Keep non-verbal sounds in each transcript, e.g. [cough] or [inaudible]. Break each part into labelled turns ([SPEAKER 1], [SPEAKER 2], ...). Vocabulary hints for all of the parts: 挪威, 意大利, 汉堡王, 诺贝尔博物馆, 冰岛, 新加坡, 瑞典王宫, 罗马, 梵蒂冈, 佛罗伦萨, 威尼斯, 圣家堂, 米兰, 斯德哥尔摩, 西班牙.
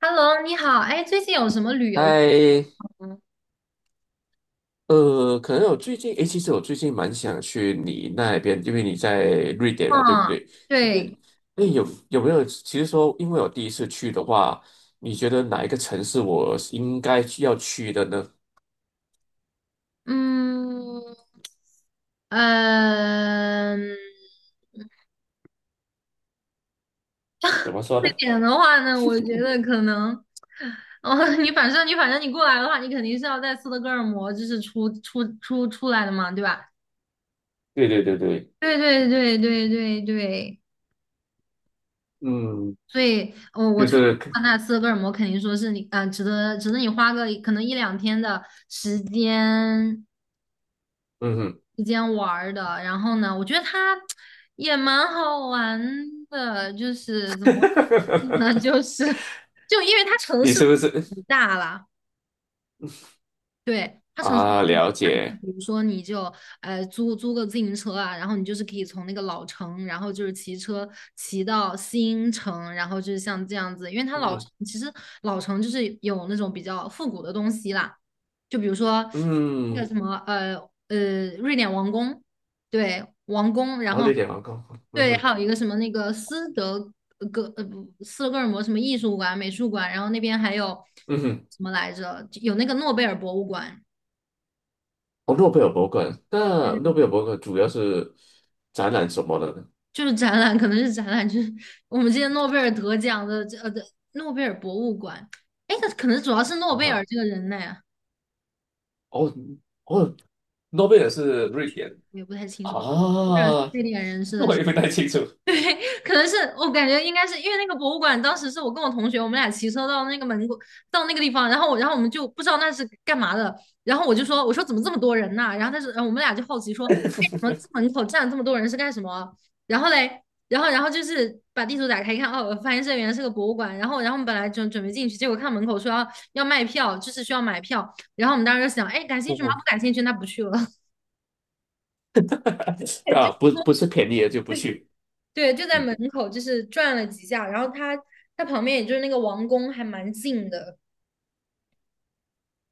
[SPEAKER 1] Hello，你好，哎，最近有什么旅游
[SPEAKER 2] 嗨。
[SPEAKER 1] 吗？
[SPEAKER 2] 可能我最近，诶，其实我最近蛮想去你那边，因为你在瑞典啊，对不
[SPEAKER 1] 嗯，
[SPEAKER 2] 对？你看，
[SPEAKER 1] 对，
[SPEAKER 2] 诶，有没有？其实说，因为我第一次去的话，你觉得哪一个城市我是应该需要去的呢？
[SPEAKER 1] 嗯，嗯，
[SPEAKER 2] 怎么说
[SPEAKER 1] 这
[SPEAKER 2] 呢？
[SPEAKER 1] 点的话呢，我觉得可能，哦，[laughs] 你反正你过来的话，你肯定是要在斯德哥尔摩就是出来的嘛，对吧？
[SPEAKER 2] 对对对对。
[SPEAKER 1] 对对对对对对，
[SPEAKER 2] 嗯，
[SPEAKER 1] 所以，我
[SPEAKER 2] 就
[SPEAKER 1] 推荐
[SPEAKER 2] 是。
[SPEAKER 1] 的话那斯德哥尔摩肯定说是你，啊、值得你花个可能一两天的时间，
[SPEAKER 2] 嗯哼。
[SPEAKER 1] 之间玩儿的。然后呢，我觉得它也蛮好玩的，就是怎么说呢，[laughs]
[SPEAKER 2] [laughs]
[SPEAKER 1] 就是就因为它城
[SPEAKER 2] 你
[SPEAKER 1] 市
[SPEAKER 2] 是不
[SPEAKER 1] 很
[SPEAKER 2] 是
[SPEAKER 1] 大啦，对，它城市
[SPEAKER 2] 啊？
[SPEAKER 1] 很
[SPEAKER 2] 了
[SPEAKER 1] 大，
[SPEAKER 2] 解。
[SPEAKER 1] 比如说你就租个自行车啊，然后你就是可以从那个老城，然后就是骑车骑到新城，然后就是像这样子，因为它
[SPEAKER 2] 嗯
[SPEAKER 1] 老城
[SPEAKER 2] 哼，
[SPEAKER 1] 其实老城就是有那种比较复古的东西啦。就比如说那个
[SPEAKER 2] 嗯。
[SPEAKER 1] 什么瑞典王宫，对，王宫，然
[SPEAKER 2] 好，
[SPEAKER 1] 后
[SPEAKER 2] 瑞典王宫。嗯
[SPEAKER 1] 对，
[SPEAKER 2] 哼，
[SPEAKER 1] 还有一个什么那个斯德哥呃不斯德哥尔摩什么艺术馆、美术馆，然后那边还有
[SPEAKER 2] 嗯哼。
[SPEAKER 1] 什么来着？就有那个诺贝尔博物馆，
[SPEAKER 2] 哦，诺贝尔博物馆，那诺贝尔博物馆主要是展览什么的呢？
[SPEAKER 1] 就是展览，可能是展览，就是我们之前诺贝尔得奖的这的诺贝尔博物馆。哎，那可能主要是诺
[SPEAKER 2] 啊
[SPEAKER 1] 贝尔
[SPEAKER 2] 哈。
[SPEAKER 1] 这个人呢，
[SPEAKER 2] 哦哦，诺贝尔是瑞典。
[SPEAKER 1] 我也不太清
[SPEAKER 2] 啊，
[SPEAKER 1] 楚。诺贝尔非典人士的
[SPEAKER 2] 我也不太清楚。[laughs]
[SPEAKER 1] 可能是我感觉应该是因为那个博物馆，当时是我跟我同学，我们俩骑车到那个门口，到那个地方，然后我们就不知道那是干嘛的，然后我就说，我说怎么这么多人呐、然后他说，然后我们俩就好奇说，哎，怎么这门口站了这么多人是干什么？然后嘞，然后就是把地图打开一看，哦，发现这原来是个博物馆，然后我们本来准备进去，结果看门口说要卖票，就是需要买票，然后我们当时就想，哎，感兴趣吗？
[SPEAKER 2] 哦，
[SPEAKER 1] 不感兴趣，那不去了。[laughs] 哎，就
[SPEAKER 2] 啊，不是便宜的就不去。
[SPEAKER 1] 对，就在
[SPEAKER 2] 嗯。
[SPEAKER 1] 门口，就是转了几下，然后它旁边也就是那个王宫还蛮近的，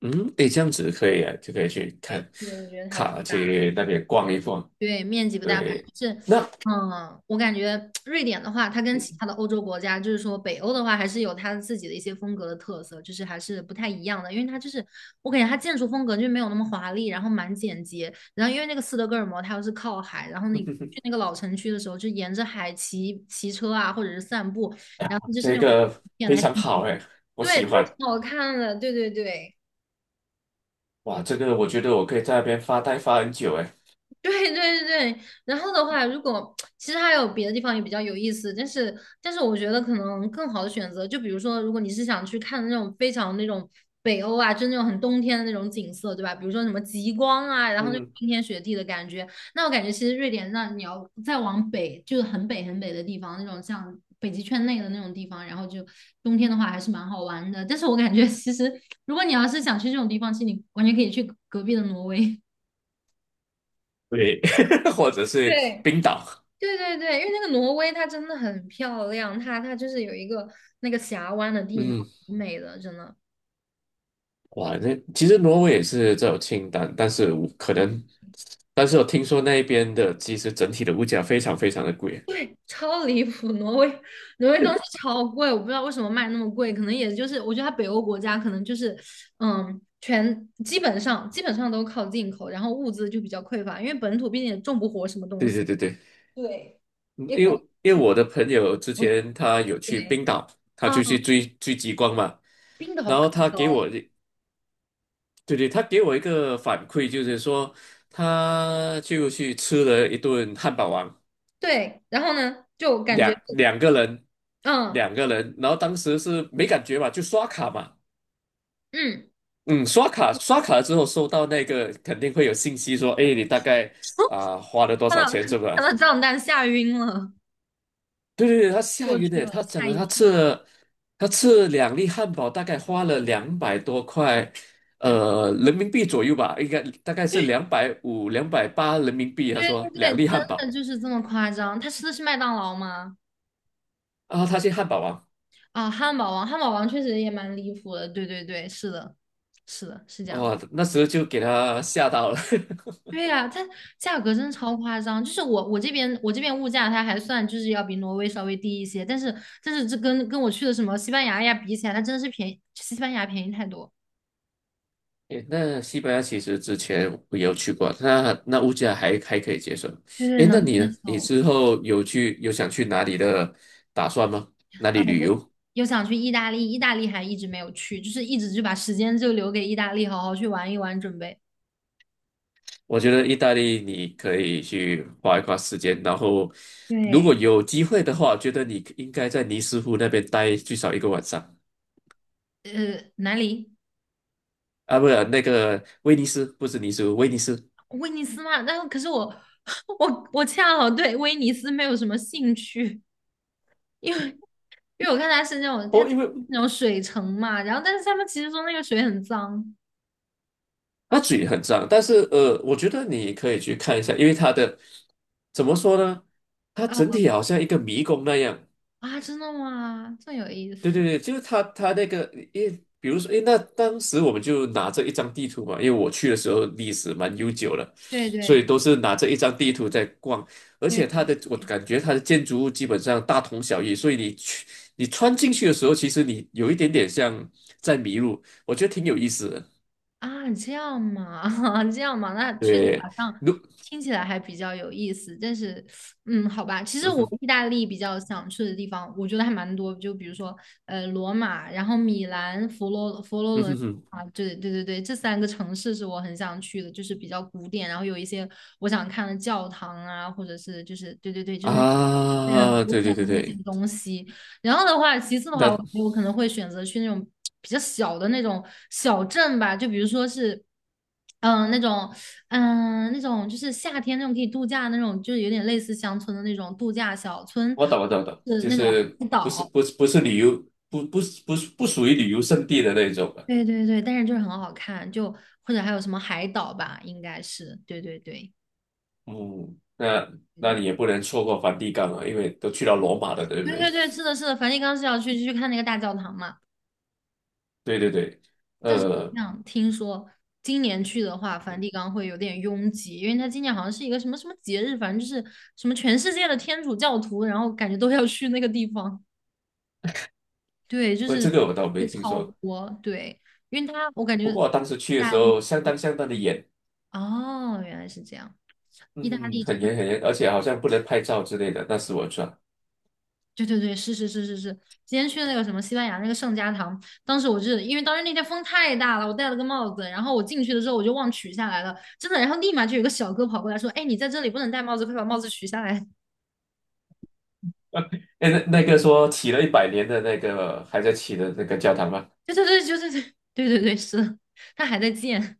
[SPEAKER 2] 嗯。诶，这样子可以啊，就可以去看
[SPEAKER 1] 对，我觉得它不
[SPEAKER 2] 卡
[SPEAKER 1] 大，
[SPEAKER 2] 去那边逛一逛。
[SPEAKER 1] 对，面积不大，反
[SPEAKER 2] 对。
[SPEAKER 1] 正就是，
[SPEAKER 2] 那
[SPEAKER 1] 嗯，我感觉瑞典的话，它跟其他的欧洲国家，就是说北欧的话，还是有它自己的一些风格的特色，就是还是不太一样的，因为它就是我感觉它建筑风格就没有那么华丽，然后蛮简洁，然后因为那个斯德哥尔摩它又是靠海，然后你去那个老城区的时候，就沿着海骑车啊，或者是散步，然后
[SPEAKER 2] [laughs]
[SPEAKER 1] 就是
[SPEAKER 2] 这
[SPEAKER 1] 那种
[SPEAKER 2] 个
[SPEAKER 1] 天得
[SPEAKER 2] 非
[SPEAKER 1] 还
[SPEAKER 2] 常
[SPEAKER 1] 挺
[SPEAKER 2] 好
[SPEAKER 1] 美
[SPEAKER 2] 哎，我
[SPEAKER 1] 对，
[SPEAKER 2] 喜
[SPEAKER 1] 这个
[SPEAKER 2] 欢。
[SPEAKER 1] 挺好看的，对对对。
[SPEAKER 2] 哇，这个我觉得我可以在那边发呆发很久哎。
[SPEAKER 1] 对对对，然后的话，如果其实还有别的地方也比较有意思，但是我觉得可能更好的选择，就比如说，如果你是想去看那种非常那种北欧啊，就那种很冬天的那种景色，对吧？比如说什么极光啊，然后那种
[SPEAKER 2] 嗯。
[SPEAKER 1] 冰天雪地的感觉，那我感觉其实瑞典，那你要再往北，就是很北很北的地方，那种像北极圈内的那种地方，然后就冬天的话还是蛮好玩的。但是我感觉其实，如果你要是想去这种地方，其实你完全可以去隔壁的挪威。[laughs]
[SPEAKER 2] 对。[laughs] 或者是
[SPEAKER 1] 对，
[SPEAKER 2] 冰岛。
[SPEAKER 1] 对对对，因为那个挪威它真的很漂亮，它就是有一个那个峡湾的地貌，
[SPEAKER 2] 嗯。
[SPEAKER 1] 美的真的
[SPEAKER 2] 哇，那其实挪威也是这种清单，但是我可能，但是我听说那边的其实整体的物价非常非常的贵。
[SPEAKER 1] 超离谱。挪威东西超贵，我不知道为什么卖那么贵，可能也就是我觉得它北欧国家可能就是嗯，全基本上基本上都靠进口，然后物资就比较匮乏，因为本土毕竟也种不活什么东
[SPEAKER 2] 对
[SPEAKER 1] 西。
[SPEAKER 2] 对对对。
[SPEAKER 1] 对，
[SPEAKER 2] 嗯，
[SPEAKER 1] 也
[SPEAKER 2] 因
[SPEAKER 1] 可能
[SPEAKER 2] 为因为我的朋友之
[SPEAKER 1] 不
[SPEAKER 2] 前他有去
[SPEAKER 1] 对
[SPEAKER 2] 冰岛，他
[SPEAKER 1] 啊，
[SPEAKER 2] 就去追追极光嘛。
[SPEAKER 1] 冰岛
[SPEAKER 2] 然
[SPEAKER 1] 更
[SPEAKER 2] 后他给
[SPEAKER 1] 高。
[SPEAKER 2] 我一，对对，他给我一个反馈，就是说他就去吃了一顿汉堡王，
[SPEAKER 1] 对，然后呢，就感觉
[SPEAKER 2] 两两个人，
[SPEAKER 1] 嗯
[SPEAKER 2] 两个人,然后当时是没感觉嘛，就刷卡嘛。
[SPEAKER 1] 嗯。
[SPEAKER 2] 嗯，刷卡了之后收到那个肯定会有信息说，哎，你大概啊、花了多
[SPEAKER 1] 看
[SPEAKER 2] 少
[SPEAKER 1] 到
[SPEAKER 2] 钱，是吧？
[SPEAKER 1] 看到账单吓晕了，
[SPEAKER 2] 对对对，他吓
[SPEAKER 1] 过
[SPEAKER 2] 晕
[SPEAKER 1] 去
[SPEAKER 2] 了，
[SPEAKER 1] 了，
[SPEAKER 2] 他讲
[SPEAKER 1] 吓
[SPEAKER 2] 了
[SPEAKER 1] 一
[SPEAKER 2] 他吃
[SPEAKER 1] 跳
[SPEAKER 2] 了他吃了两粒汉堡，大概花了200多块。
[SPEAKER 1] 啊！
[SPEAKER 2] 人民币左右吧，应该大概是250、280人民币。他说
[SPEAKER 1] 对，
[SPEAKER 2] 两
[SPEAKER 1] 真
[SPEAKER 2] 粒汉
[SPEAKER 1] 的
[SPEAKER 2] 堡。
[SPEAKER 1] 就是这么夸张。他吃的是麦当劳吗？
[SPEAKER 2] 啊，他去汉堡王。
[SPEAKER 1] 啊，汉堡王，汉堡王确实也蛮离谱的。对对对，是的，是的，是这样的。
[SPEAKER 2] 哦，那时候就给他吓到了。[laughs]
[SPEAKER 1] 对呀、它价格真的超夸张。就是我这边物价它还算就是要比挪威稍微低一些，但是这跟我去的什么西班牙呀比起来，它真的是便宜，西班牙便宜太多。
[SPEAKER 2] 诶，那西班牙其实之前我有去过，那物价还可以接受。
[SPEAKER 1] 对对，
[SPEAKER 2] 诶，
[SPEAKER 1] 能
[SPEAKER 2] 那
[SPEAKER 1] 接
[SPEAKER 2] 你呢？你
[SPEAKER 1] 受。
[SPEAKER 2] 之后有想去哪里的打算吗？哪
[SPEAKER 1] 呃，
[SPEAKER 2] 里
[SPEAKER 1] 有
[SPEAKER 2] 旅游？
[SPEAKER 1] 又想去意大利，意大利还一直没有去，就是一直就把时间就留给意大利，好好去玩一玩，准备。
[SPEAKER 2] 我觉得意大利你可以去花一花时间。然后如
[SPEAKER 1] 对，
[SPEAKER 2] 果有机会的话，我觉得你应该在尼斯湖那边待最少一个晚上。
[SPEAKER 1] 哪里？
[SPEAKER 2] 啊，不是那个威尼斯，不是尼斯湖，威尼斯。
[SPEAKER 1] 威尼斯嘛，可是我 [laughs] 我恰好对威尼斯没有什么兴趣，因为因为我看它是那种它
[SPEAKER 2] 哦，因为
[SPEAKER 1] 那种水城嘛，然后但是他们其实说那个水很脏。
[SPEAKER 2] 它嘴很脏。但是我觉得你可以去看一下，因为它的怎么说呢？它整
[SPEAKER 1] 呃
[SPEAKER 2] 体好像一个迷宫那样。
[SPEAKER 1] 啊，真的吗？这么有意
[SPEAKER 2] 对对
[SPEAKER 1] 思。
[SPEAKER 2] 对，就是它那个，因为比如说，诶，那当时我们就拿着一张地图嘛，因为我去的时候历史蛮悠久了，
[SPEAKER 1] 对
[SPEAKER 2] 所
[SPEAKER 1] 对
[SPEAKER 2] 以
[SPEAKER 1] 对
[SPEAKER 2] 都是拿着一张地图在逛。而
[SPEAKER 1] 对
[SPEAKER 2] 且它的，我感觉它的建筑物基本上大同小异，所以你穿进去的时候，其实你有一点点像在迷路，我觉得挺有意思的。
[SPEAKER 1] 啊，这样嘛，[laughs] 这样嘛，那确实
[SPEAKER 2] 对。
[SPEAKER 1] 好像
[SPEAKER 2] 如
[SPEAKER 1] 听起来还比较有意思。但是，嗯，好吧，其实
[SPEAKER 2] 嗯
[SPEAKER 1] 我
[SPEAKER 2] 哼，
[SPEAKER 1] 意大利比较想去的地方，我觉得还蛮多，就比如说，呃，罗马，然后米兰、佛罗佛罗
[SPEAKER 2] 嗯
[SPEAKER 1] 伦
[SPEAKER 2] 哼哼。
[SPEAKER 1] 啊，对对对对，这三个城市是我很想去的，就是比较古典，然后有一些我想看的教堂啊，或者是就是对对对，就是很
[SPEAKER 2] 啊，
[SPEAKER 1] 古
[SPEAKER 2] 对
[SPEAKER 1] 典
[SPEAKER 2] 对对
[SPEAKER 1] 的那些
[SPEAKER 2] 对。
[SPEAKER 1] 东西。然后的话，其次的话，
[SPEAKER 2] 那
[SPEAKER 1] 我可能会选择去那种比较小的那种小镇吧，就比如说是，嗯、那种，嗯、那种就是夏天那种可以度假的那种，就是有点类似乡村的那种度假小村，
[SPEAKER 2] 我懂我懂我懂，
[SPEAKER 1] 是
[SPEAKER 2] 就
[SPEAKER 1] 那种
[SPEAKER 2] 是
[SPEAKER 1] 海
[SPEAKER 2] 不是
[SPEAKER 1] 岛。
[SPEAKER 2] 不是不是旅游，不属于旅游胜地的那种的。
[SPEAKER 1] 对对对，但是就是很好看，就或者还有什么海岛吧，应该是，对对对
[SPEAKER 2] 嗯，那
[SPEAKER 1] 对
[SPEAKER 2] 你也不能错过梵蒂冈啊，因为都去到罗马了，对不
[SPEAKER 1] 对
[SPEAKER 2] 对？
[SPEAKER 1] 对对，是的，是的，梵蒂冈是要去去看那个大教堂嘛。
[SPEAKER 2] [laughs] 对对对。呃，
[SPEAKER 1] 像听说今年去的话，梵蒂冈会有点拥挤，因为它今年好像是一个什么什么节日，反正就是什么全世界的天主教徒，然后感觉都要去那个地方。[laughs] 对，就是
[SPEAKER 2] 这个我倒没
[SPEAKER 1] 会
[SPEAKER 2] 听
[SPEAKER 1] 超
[SPEAKER 2] 说。
[SPEAKER 1] 多。对，因为它我感
[SPEAKER 2] 不
[SPEAKER 1] 觉
[SPEAKER 2] 过
[SPEAKER 1] 意
[SPEAKER 2] 我当时去的
[SPEAKER 1] 大
[SPEAKER 2] 时
[SPEAKER 1] 利
[SPEAKER 2] 候，相当相当的严。
[SPEAKER 1] 哦，原来是这样。意大
[SPEAKER 2] 嗯，
[SPEAKER 1] 利真
[SPEAKER 2] 很
[SPEAKER 1] 的。
[SPEAKER 2] 严很严，而且好像不能拍照之类的，那是我错。
[SPEAKER 1] 对对对，是是是是是，今天去的那个什么西班牙那个圣家堂，当时我是因为当时那天风太大了，我戴了个帽子，然后我进去的时候我就忘取下来了，真的，然后立马就有个小哥跑过来说：“哎，你在这里不能戴帽子，快把帽子取下来。[laughs]”
[SPEAKER 2] 哎，那那个说起了100年的那个还在起的那个教堂吗？
[SPEAKER 1] 对对对，就是对 [laughs] 对对对，是的，他还在建，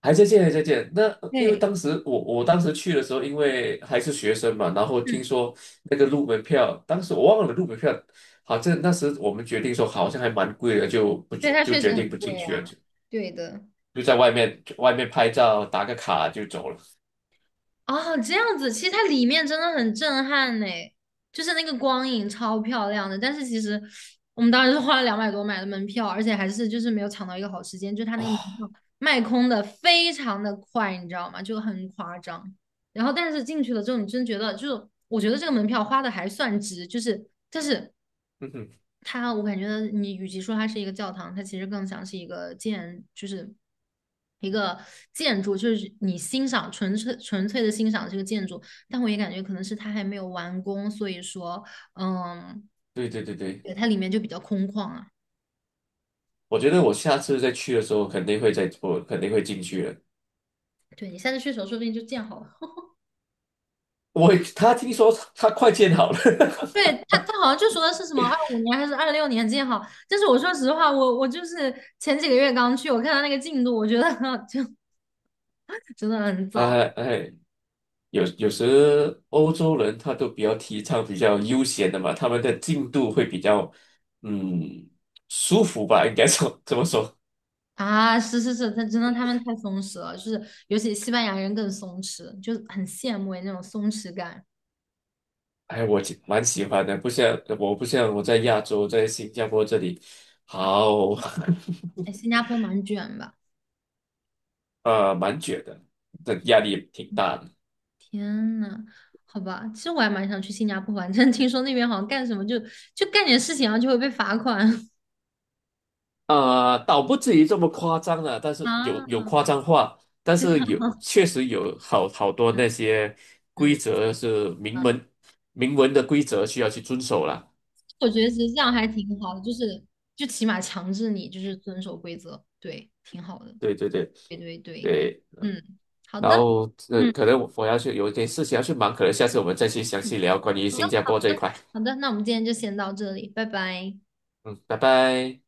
[SPEAKER 2] 还在见，还在见。那因为
[SPEAKER 1] 对
[SPEAKER 2] 当时我当时去的时候，因为还是学生嘛，然后听说那个入门票，当时我忘了入门票，好像那时我们决定说好像还蛮贵的，就不
[SPEAKER 1] 对，
[SPEAKER 2] 去
[SPEAKER 1] 他
[SPEAKER 2] 就
[SPEAKER 1] 确
[SPEAKER 2] 决
[SPEAKER 1] 实很
[SPEAKER 2] 定不进
[SPEAKER 1] 贵
[SPEAKER 2] 去了，
[SPEAKER 1] 啊，
[SPEAKER 2] 就
[SPEAKER 1] 对的。
[SPEAKER 2] 就在外面拍照打个卡就走了
[SPEAKER 1] 哦，这样子，其实它里面真的很震撼呢，就是那个光影超漂亮的。但是其实我们当时是花了200多买的门票，而且还是就是没有抢到一个好时间，就它那个门
[SPEAKER 2] 啊。
[SPEAKER 1] 票卖空的非常的快，你知道吗？就很夸张。然后但是进去了之后，你真觉得就是，我觉得这个门票花的还算值，就是但是
[SPEAKER 2] 嗯哼。
[SPEAKER 1] 它，我感觉你与其说它是一个教堂，它其实更像是一个建，就是一个建筑，就是你欣赏纯粹的欣赏这个建筑。但我也感觉可能是它还没有完工，所以说，嗯，
[SPEAKER 2] 对对对对，
[SPEAKER 1] 对，它里面就比较空旷啊。
[SPEAKER 2] 我觉得我下次再去的时候肯定会再我肯定会进去的。
[SPEAKER 1] 对你下次去的时候，说不定就建好了。
[SPEAKER 2] 他听说他快建好了。
[SPEAKER 1] 对，他好像就说的是什么25年还是26年建好，但是我说实话，我就是前几个月刚去，我看他那个进度，我觉得 [laughs] 就真的很
[SPEAKER 2] [laughs]
[SPEAKER 1] 早。
[SPEAKER 2] 哎哎。有时欧洲人他都比较提倡比较悠闲的嘛，他们的进度会比较嗯舒服吧，应该说 [laughs] 这么说。
[SPEAKER 1] 啊，是是是，他真的他们太松弛了，就是尤其西班牙人更松弛，就很羡慕那种松弛感。
[SPEAKER 2] 哎，我蛮喜欢的，不像我在亚洲，在新加坡这里。好。
[SPEAKER 1] 哎，新
[SPEAKER 2] [laughs]
[SPEAKER 1] 加坡蛮卷吧？
[SPEAKER 2] 蛮卷的，这压力挺大的。
[SPEAKER 1] 天呐，好吧，其实我还蛮想去新加坡玩，[laughs] 但是听说那边好像干什么就干点事情，然后就会被罚款 [laughs]
[SPEAKER 2] 倒不至于这么夸张了，但是有
[SPEAKER 1] 啊。
[SPEAKER 2] 夸张话，但
[SPEAKER 1] 这
[SPEAKER 2] 是
[SPEAKER 1] 样，
[SPEAKER 2] 确实有好多那些规
[SPEAKER 1] 嗯，
[SPEAKER 2] 则是明
[SPEAKER 1] 啊
[SPEAKER 2] 文明文的规则需要去遵守啦。
[SPEAKER 1] 我觉得其实这样还挺好的，就是就起码强制你就是遵守规则，对，挺好的。
[SPEAKER 2] 对对对
[SPEAKER 1] 对对对，
[SPEAKER 2] 对。
[SPEAKER 1] 嗯，好
[SPEAKER 2] 然
[SPEAKER 1] 的，
[SPEAKER 2] 后
[SPEAKER 1] 嗯。
[SPEAKER 2] 可能我要去有一点事情要去忙，可能下次我们再去详细聊关于
[SPEAKER 1] 好的，
[SPEAKER 2] 新加
[SPEAKER 1] 好
[SPEAKER 2] 坡这一
[SPEAKER 1] 的，
[SPEAKER 2] 块。
[SPEAKER 1] 好的，那我们今天就先到这里，拜拜。
[SPEAKER 2] 嗯，拜拜。